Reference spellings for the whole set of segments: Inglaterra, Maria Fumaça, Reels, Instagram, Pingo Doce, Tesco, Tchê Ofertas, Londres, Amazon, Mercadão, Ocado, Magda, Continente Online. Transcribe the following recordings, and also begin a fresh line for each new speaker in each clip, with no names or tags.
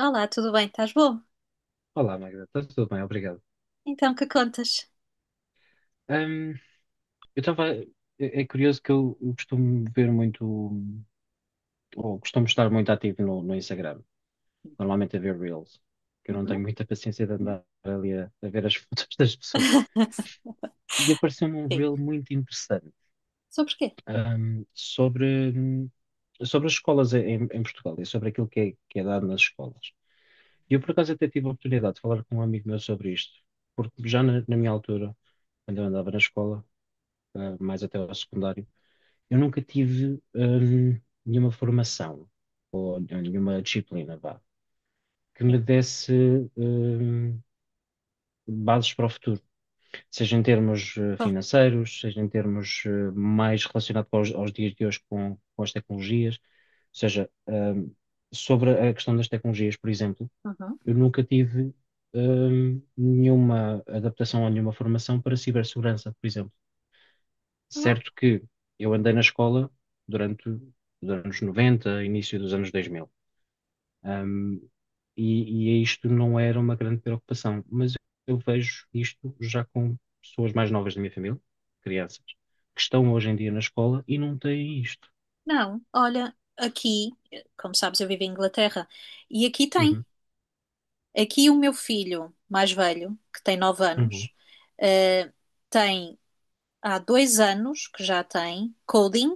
Olá, tudo bem? Estás bom?
Olá, Magda, está tudo bem, obrigado.
Então, que contas?
Hum, eu estava. É curioso que eu costumo ver muito, ou costumo estar muito ativo no Instagram, normalmente a ver Reels, que eu não
Uhum.
tenho muita paciência de andar ali a ver as fotos das pessoas. E apareceu-me um
Sim.
Reel muito interessante,
Sobre quê?
sobre, sobre as escolas em Portugal e sobre aquilo que é dado nas escolas. E eu, por acaso, até tive a oportunidade de falar com um amigo meu sobre isto, porque já na minha altura, quando eu andava na escola mais até ao secundário, eu nunca tive nenhuma formação ou nenhuma disciplina, vá, que me
Sim.
desse hum, bases para o futuro, seja em termos
Con-
financeiros, seja em termos mais relacionados aos dias de hoje com as tecnologias, ou seja, sobre a questão das tecnologias, por exemplo,
Uhum.
eu nunca tive nenhuma adaptação ou nenhuma formação para cibersegurança, por exemplo.
Não.
Certo que eu andei na escola durante os anos 90 início dos anos 2000. Ahm, e é isto não era uma grande preocupação, mas eu vejo isto já com pessoas mais novas da minha família, crianças, que estão hoje em dia na escola e não têm isto.
Não, olha, aqui, como sabes, eu vivo em Inglaterra e aqui tem.
Uhum,
Aqui o meu filho mais velho, que tem 9 anos,
uhum,
eh, tem há 2 anos que já tem coding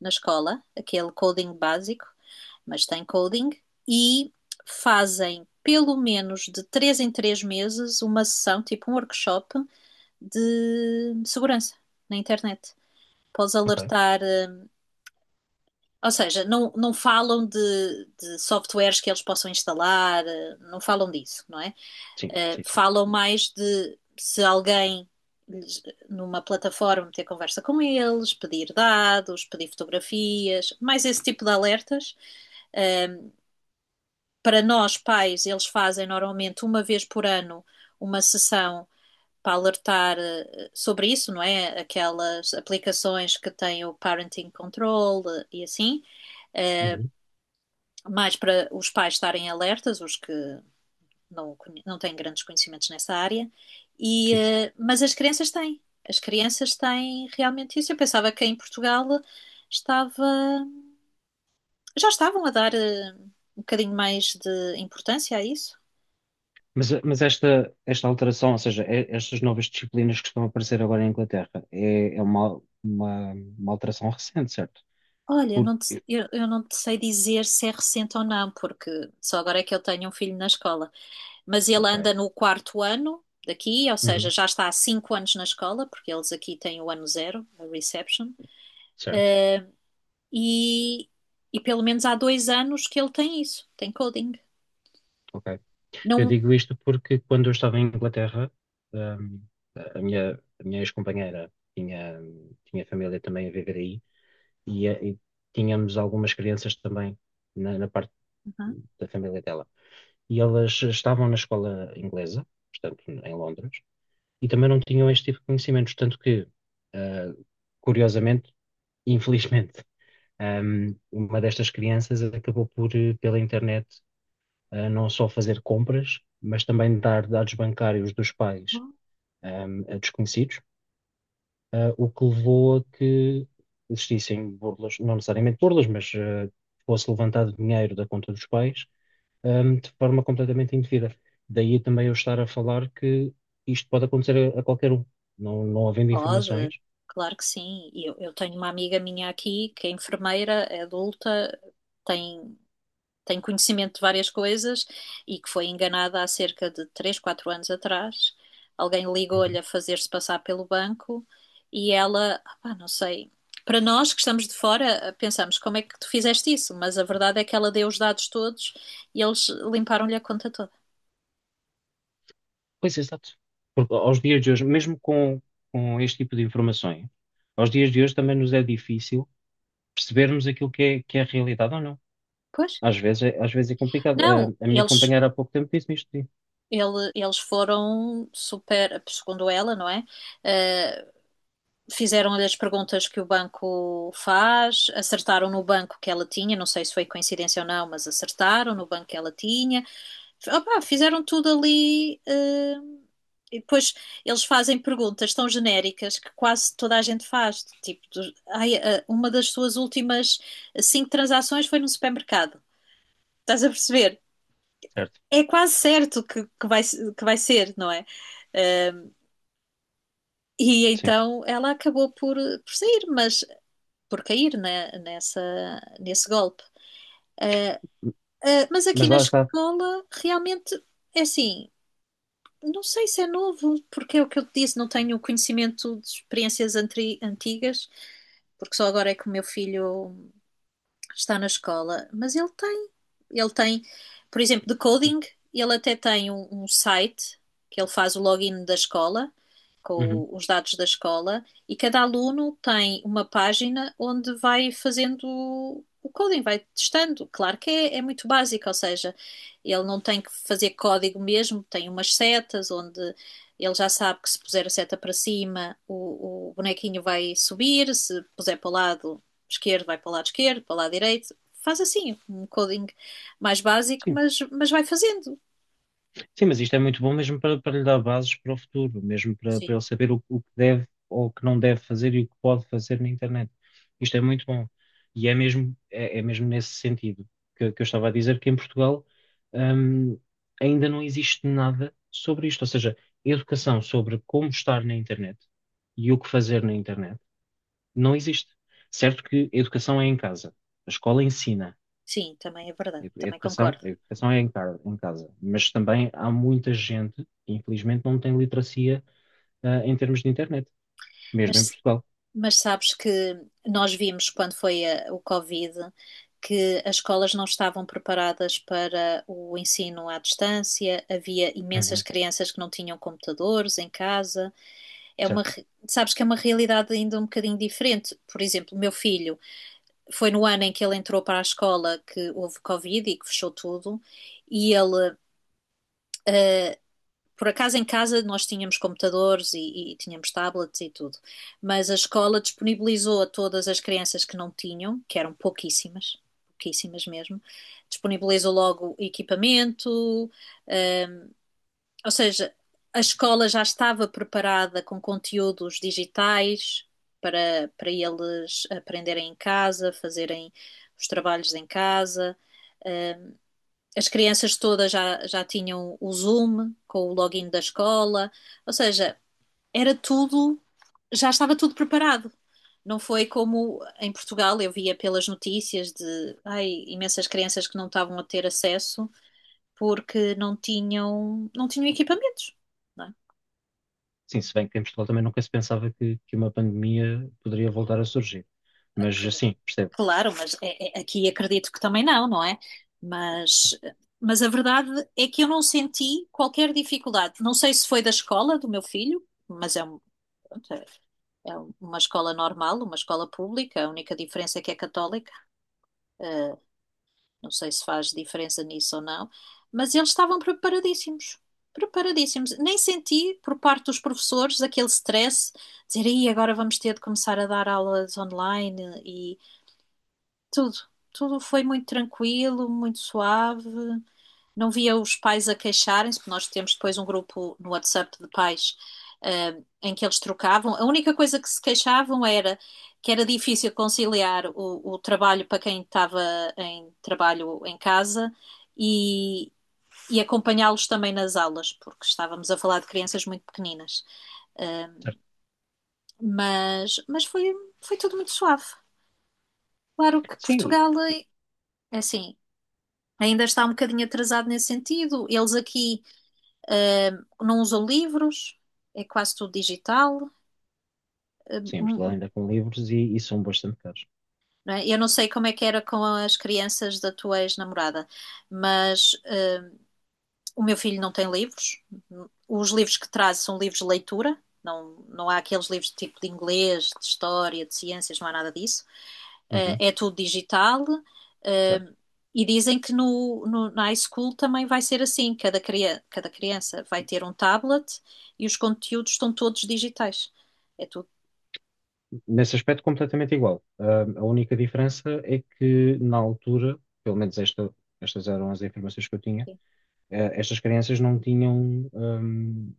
na escola, aquele coding básico, mas tem coding, e fazem pelo menos de 3 em 3 meses uma sessão, tipo um workshop de segurança na internet. Podes
ok.
alertar, ou seja, não falam de softwares que eles possam instalar, não falam disso, não é?
Sim, sim, sim.
Falam mais de se alguém numa plataforma ter conversa com eles, pedir dados, pedir fotografias, mais esse tipo de alertas. Para nós, pais, eles fazem normalmente uma vez por ano uma sessão para alertar sobre isso, não é? Aquelas aplicações que têm o parenting control eh, e assim,
Uhum,
mais para os pais estarem alertas, os que não, não têm grandes conhecimentos nessa área,
sim.
mas as crianças têm. As crianças têm realmente isso. Eu pensava que em Portugal estava, já estavam a dar um bocadinho mais de importância a isso.
Mas esta alteração, ou seja, estas novas disciplinas que estão a aparecer agora.
Olha, eu não te sei dizer se é recente ou não, porque só agora é que eu tenho um filho na escola. Mas ele anda no quarto ano daqui, ou seja,
Uhum,
já está há 5 anos na escola, porque eles aqui têm o ano zero, a reception.
certo,
E, e pelo menos há 2 anos que ele tem isso, tem coding.
ok. Eu
Não.
digo isto porque quando eu estava em Inglaterra, ahm, a minha, a minha ex-companheira tinha família também a viver aí e tínhamos algumas crianças também na parte
Uhum.
da família dela. E elas estavam na escola inglesa, portanto, em Londres, e também não tinham este tipo de conhecimentos, tanto que, ah, curiosamente, infelizmente, uma destas crianças acabou por, pela internet, não só fazer compras, mas também dar dados bancários dos pais, a desconhecidos, o que levou a que existissem burlas, não necessariamente burlas, mas fosse levantado dinheiro da conta dos pais, de forma completamente indevida. Daí também eu estar a falar que isto pode acontecer a qualquer um, não havendo
Pode,
informações.
claro que sim. Eu tenho uma amiga minha aqui que é enfermeira, é adulta, tem, tem conhecimento de várias coisas e que foi enganada há cerca de 3, 4 anos atrás. Alguém ligou-lhe
Uhum.
a fazer-se passar pelo banco e ela, opá, não sei. Para nós que estamos de fora, pensamos como é que tu fizeste isso, mas a verdade é que ela deu os dados todos e eles limparam-lhe a conta toda.
Pois, exato. Porque aos dias de hoje, mesmo com este tipo de informações, aos dias de hoje também nos é difícil percebermos aquilo que é a realidade ou não.
Pois?
Às vezes é complicado. A,
Não,
a minha companheira há pouco tempo disse-me isto, sim.
eles foram super, segundo ela, não é? Eh, fizeram-lhe as perguntas que o banco faz, acertaram no banco que ela tinha, não sei se foi coincidência ou não, mas acertaram no banco que ela tinha. Opá, fizeram tudo ali. E depois eles fazem perguntas tão genéricas que quase toda a gente faz. Tipo, uma das suas últimas 5 transações foi num supermercado. Estás a perceber?
Certo.
É quase certo que vai ser, não é? Eh, e
Sim.
então ela acabou por sair, mas por cair né, nesse golpe. Mas aqui
Mas
na
lá está.
escola, realmente, é assim, não sei se é novo, porque é o que eu te disse, não tenho conhecimento de experiências antigas, porque só agora é que o meu filho está na escola, mas ele tem. Ele tem, por exemplo, de
Certo.
coding, ele até tem um site que ele faz o login da escola,
Uhum.
com os dados da escola, e cada aluno tem uma página onde vai fazendo o coding, vai testando. Claro que é muito básico, ou seja, ele não tem que fazer código mesmo, tem umas setas onde ele já sabe que se puser a seta para cima, o bonequinho vai subir, se puser para o lado, esquerdo vai para o lado esquerdo, para o lado direito. Faz assim, um coding mais básico,
Sim.
mas vai fazendo.
Sim, mas isto é muito bom mesmo para lhe dar bases para o futuro, mesmo para
Sim.
ele saber o que deve ou o que não deve fazer e o que pode fazer na internet. Isto é muito bom. E é mesmo, é mesmo nesse sentido que eu estava a dizer que em Portugal, hum, ainda não existe nada sobre isto. Ou seja, educação sobre como estar na internet e o que fazer na internet não existe. Certo que educação é em casa, a escola ensina.
Sim, também é verdade,
Edu-
também
Educação,
concordo.
educação é em casa, mas também há muita gente que infelizmente não tem literacia, em termos de internet, mesmo em
Mas,
Portugal.
mas sabes que nós vimos quando foi o Covid que as escolas não estavam preparadas para o ensino à distância, havia imensas
Uhum,
crianças que não tinham computadores em casa. É
certo.
sabes que é uma realidade ainda um bocadinho diferente. Por exemplo, o meu filho foi no ano em que ele entrou para a escola que houve Covid e que fechou tudo, e ele por acaso em casa nós tínhamos computadores tínhamos tablets e tudo, mas a escola disponibilizou a todas as crianças que não tinham, que eram pouquíssimas, pouquíssimas mesmo, disponibilizou logo equipamento, um, ou seja, a escola já estava preparada com conteúdos digitais para eles aprenderem em casa, fazerem os trabalhos em casa. As crianças todas já, já tinham o Zoom com o login da escola, ou seja, era tudo, já estava tudo preparado. Não foi como em Portugal, eu via pelas notícias de ai, imensas crianças que não estavam a ter acesso porque não tinham, não tinham equipamentos. Não é?
Sim, se bem que em Portugal também nunca se pensava que uma pandemia poderia voltar a surgir. Mas
Cl-
sim, percebo.
Claro, mas aqui acredito que também não, não é? Mas, mas a verdade é que eu não senti qualquer dificuldade. Não sei se foi da escola do meu filho, mas é É é uma escola normal, uma escola pública, a única diferença é que é católica. Eh, não sei se faz diferença nisso ou não, mas eles estavam preparadíssimos. Preparadíssimos. Nem senti por parte dos professores aquele stress, dizer, aí agora vamos ter de começar a dar aulas online e tudo. Tudo foi muito tranquilo, muito suave, não via os pais a queixarem-se, porque nós temos depois um grupo no WhatsApp de pais, em que eles trocavam. A única coisa que se queixavam era que era difícil conciliar o trabalho para quem estava em trabalho em casa e, e acompanhá-los também nas aulas, porque estávamos a falar de crianças muito pequeninas.
Certo.
Mas foi, foi tudo muito suave. Claro que
Sim,
Portugal, eh, é assim, ainda está um bocadinho atrasado nesse sentido. Eles aqui não usam livros, é quase tudo digital. eh,
sim, em Portugal
hum,
ainda com livros e são bastante caros.
não é? Eu não sei como é que era com as crianças da tua ex-namorada, mas o meu filho não tem livros. Os livros que traz são livros de leitura. Não, não há aqueles livros de tipo de inglês, de história, de ciências, não há nada disso.
Uhum,
É tudo digital. Eh.
certo.
E dizem que na high school também vai ser assim: cada criança vai ter um tablet e os conteúdos estão todos digitais. É tudo.
Nesse aspecto, completamente igual. A única diferença é que na altura, pelo menos estas eram as informações que eu tinha estas crianças não tinham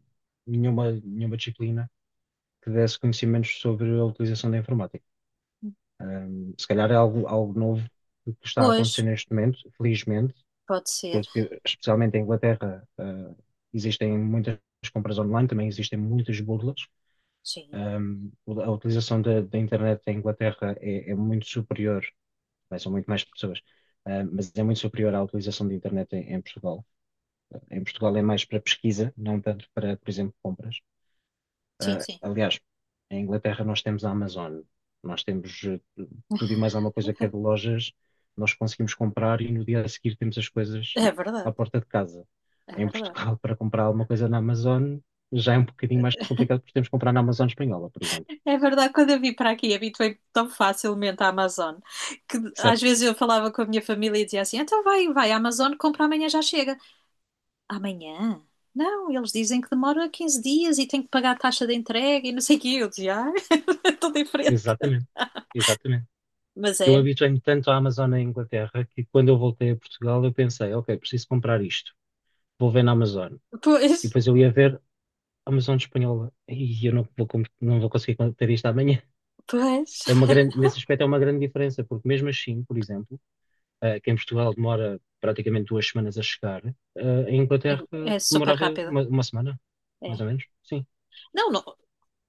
nenhuma disciplina que desse conhecimentos sobre a utilização da informática. Se calhar é algo novo que está a
Pois,
acontecer neste momento, felizmente,
pode ser.
porque especialmente em Inglaterra, existem muitas compras online, também existem muitas burlas.
Sim,
Hum, a utilização da internet em Inglaterra é muito superior, bem, são muito mais pessoas, mas é muito superior à utilização da internet em Portugal. Em Portugal é mais para pesquisa, não tanto para, por exemplo, compras.
sim,
Ah,
sim.
aliás, em Inglaterra nós temos a Amazon, nós temos tudo e mais alguma coisa que é de lojas, nós conseguimos comprar e no dia a seguir temos as coisas
É
à
verdade.
porta de casa.
É
Em
verdade.
Portugal, para comprar alguma coisa na Amazon, já é um bocadinho mais complicado porque temos que comprar na Amazon espanhola, por exemplo.
É verdade, quando eu vim para aqui, habituei-me tão facilmente à Amazon que às
Certo?
vezes eu falava com a minha família e dizia assim: então vai, vai à Amazon, compra amanhã, já chega. Amanhã? Não, eles dizem que demora 15 dias e tem que pagar a taxa de entrega e não sei o quê. Eu dizia: ah, estou diferente.
Exatamente, exatamente.
Mas
Eu
é,
habituei-me tanto à Amazon na Inglaterra que quando eu voltei a Portugal eu pensei, ok, preciso comprar isto, vou ver na Amazon. E
pois,
depois eu ia ver, Amazon espanhola, e eu não vou conseguir ter isto amanhã.
pois,
É uma grande, nesse aspecto é uma grande diferença, porque mesmo assim, por exemplo, que em Portugal demora praticamente 2 semanas a chegar, em
é,
Inglaterra
é super
demorava
rápido.
uma semana,
É.
mais ou menos. Sim,
Não, não,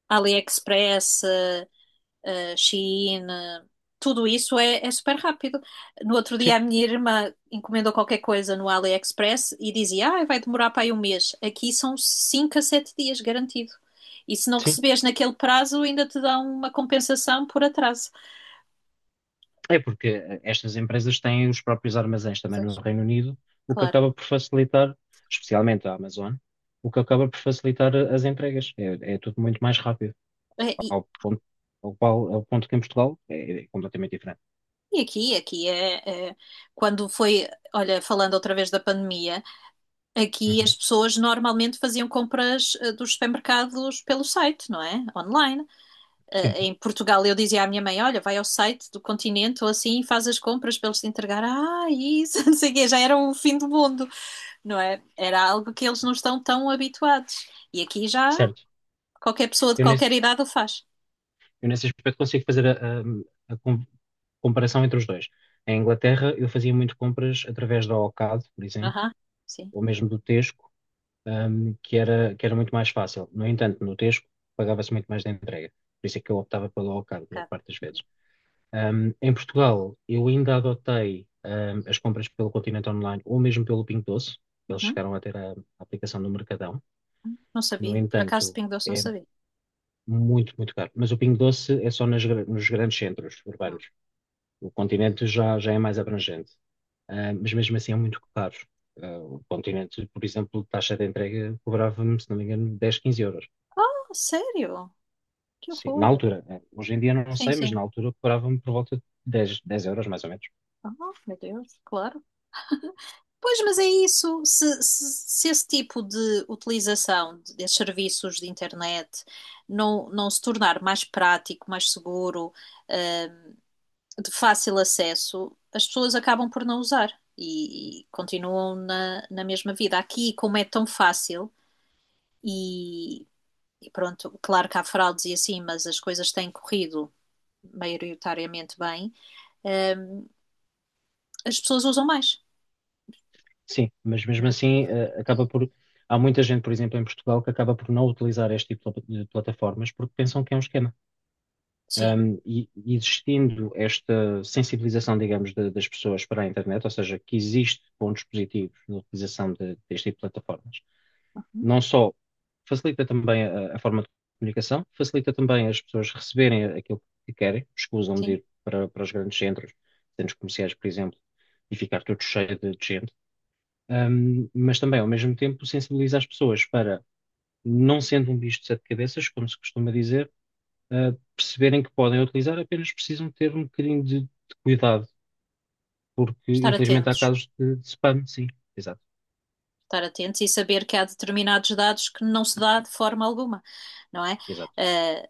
AliExpress, Shein, tudo isso é, é super rápido. No outro dia,
sim,
a minha irmã encomendou qualquer coisa no AliExpress e dizia: Ah, vai demorar para aí um mês. Aqui são 5 a 7 dias, garantido. E se não
sim.
receberes naquele prazo, ainda te dá uma compensação por atraso.
É porque estas empresas têm os próprios armazéns também no
Mas,
Reino Unido, o que
Claro.
acaba por facilitar, especialmente a Amazon, o que acaba por facilitar as entregas. É tudo muito mais rápido.
É. E,
Ao ponto, ao qual, ao ponto que em Portugal é completamente diferente.
e aqui, quando foi, olha, falando outra vez da pandemia, aqui as
Uhum.
pessoas normalmente faziam compras dos supermercados pelo site, não é? Online.
Sim,
Em Portugal eu dizia à minha mãe: Olha, vai ao site do Continente ou assim e faz as compras para eles te entregar. Ah, isso, não sei o quê, já era o fim do mundo, não é? Era algo que eles não estão tão habituados. E aqui já
certo.
qualquer pessoa de
Eu nesse,
qualquer idade o faz.
eu nesse aspecto consigo fazer a comparação entre os dois. Em Inglaterra, eu fazia muito compras através da Ocado, por exemplo,
Aham, sim,
ou mesmo do Tesco, que era muito mais fácil. No entanto, no Tesco pagava-se muito mais da entrega. Por isso é que eu optava pelo ao cargo, grande
cara.
parte das vezes. Em Portugal, eu ainda adotei, as compras pelo Continente Online ou mesmo pelo Pingo Doce.
Uhum.
Eles
Uhum.
chegaram a ter a aplicação do Mercadão.
Uhum. Não
No
sabia, por acaso de
entanto,
Pingo Doce não
é
sabia.
muito, muito caro. Mas o Pingo Doce é só nas nos grandes centros
Ah,
urbanos. O Continente já é mais abrangente. Mas mesmo assim é muito caro. O Continente, por exemplo, taxa de entrega cobrava-me, se não me engano, 10, 15 euros.
sério? Que
Sim, na
horror.
altura. Hoje em dia não
Sim,
sei, mas
sim.
na altura cobrava-me por volta de dez euros, mais ou menos.
Ah, meu Deus, claro. Pois, mas é isso. Se esse tipo de utilização desses serviços de internet não, não se tornar mais prático, mais seguro, de fácil acesso, as pessoas acabam por não usar e continuam na mesma vida. Aqui, como é tão fácil, e, e pronto, claro que há fraudes e assim, mas as coisas têm corrido maioritariamente bem, as pessoas usam mais,
Sim, mas mesmo
né?
assim, acaba por. Há muita gente, por exemplo, em Portugal, que acaba por não utilizar este tipo de de plataformas porque pensam que é um esquema.
Sim.
E existindo esta sensibilização, digamos, das pessoas para a internet, ou seja, que existe pontos positivos na utilização deste tipo de plataformas,
Uhum.
não só facilita também a forma de comunicação, facilita também as pessoas receberem aquilo que querem, escusam de
Sim.
ir para os grandes centros, centros comerciais, por exemplo, e ficar tudo cheio de gente, mas também, ao mesmo tempo, sensibiliza as pessoas para, não sendo um bicho de sete cabeças, como se costuma dizer, perceberem que podem utilizar, apenas precisam ter um bocadinho de cuidado, porque
Estar
infelizmente há
atentos.
casos de spam, sim, exato,
Estar atentos e saber que há determinados dados que não se dá de forma alguma, não é?
exato,
Eh,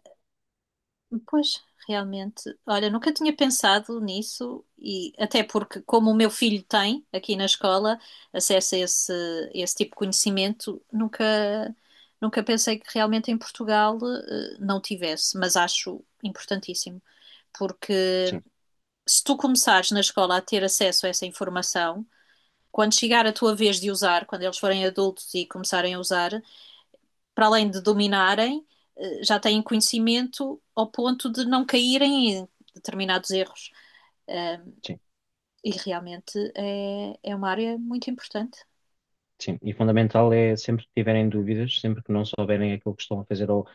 Pois, realmente, olha, nunca tinha pensado nisso e até porque, como o meu filho tem aqui na escola acesso a esse, esse tipo de conhecimento, nunca pensei que realmente em Portugal, eh, não tivesse, mas acho importantíssimo. Porque
sim,
se tu começares na escola a ter acesso a essa informação, quando chegar a tua vez de usar, quando eles forem adultos e começarem a usar, para além de dominarem, já têm conhecimento ao ponto de não caírem em determinados erros. Eh,
sim.
E realmente é uma área muito importante.
Sim, e fundamental é sempre que tiverem dúvidas, sempre que não souberem aquilo que estão a fazer, ou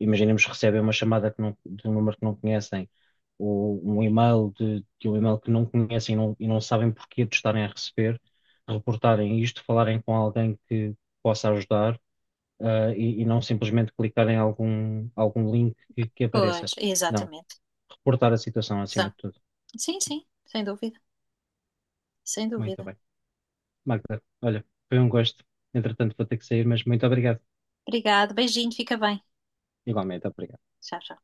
imaginemos que recebem uma chamada que não- de um número que não conhecem, ou um e-mail de um e-mail que não conhecem e não sabem porquê de estarem a receber, reportarem isto, falarem com alguém que possa ajudar, e não simplesmente clicarem em algum link que
Pois,
apareça. Não,
exatamente.
reportar a situação acima
São.
de tudo.
Sim, sim, sem dúvida, sem
Muito
dúvida.
bem. Magda, olha, foi um gosto. Entretanto, vou ter que sair, mas muito obrigado.
Obrigada, beijinho, fica bem.
Igualmente, obrigado.
Tchau, tchau.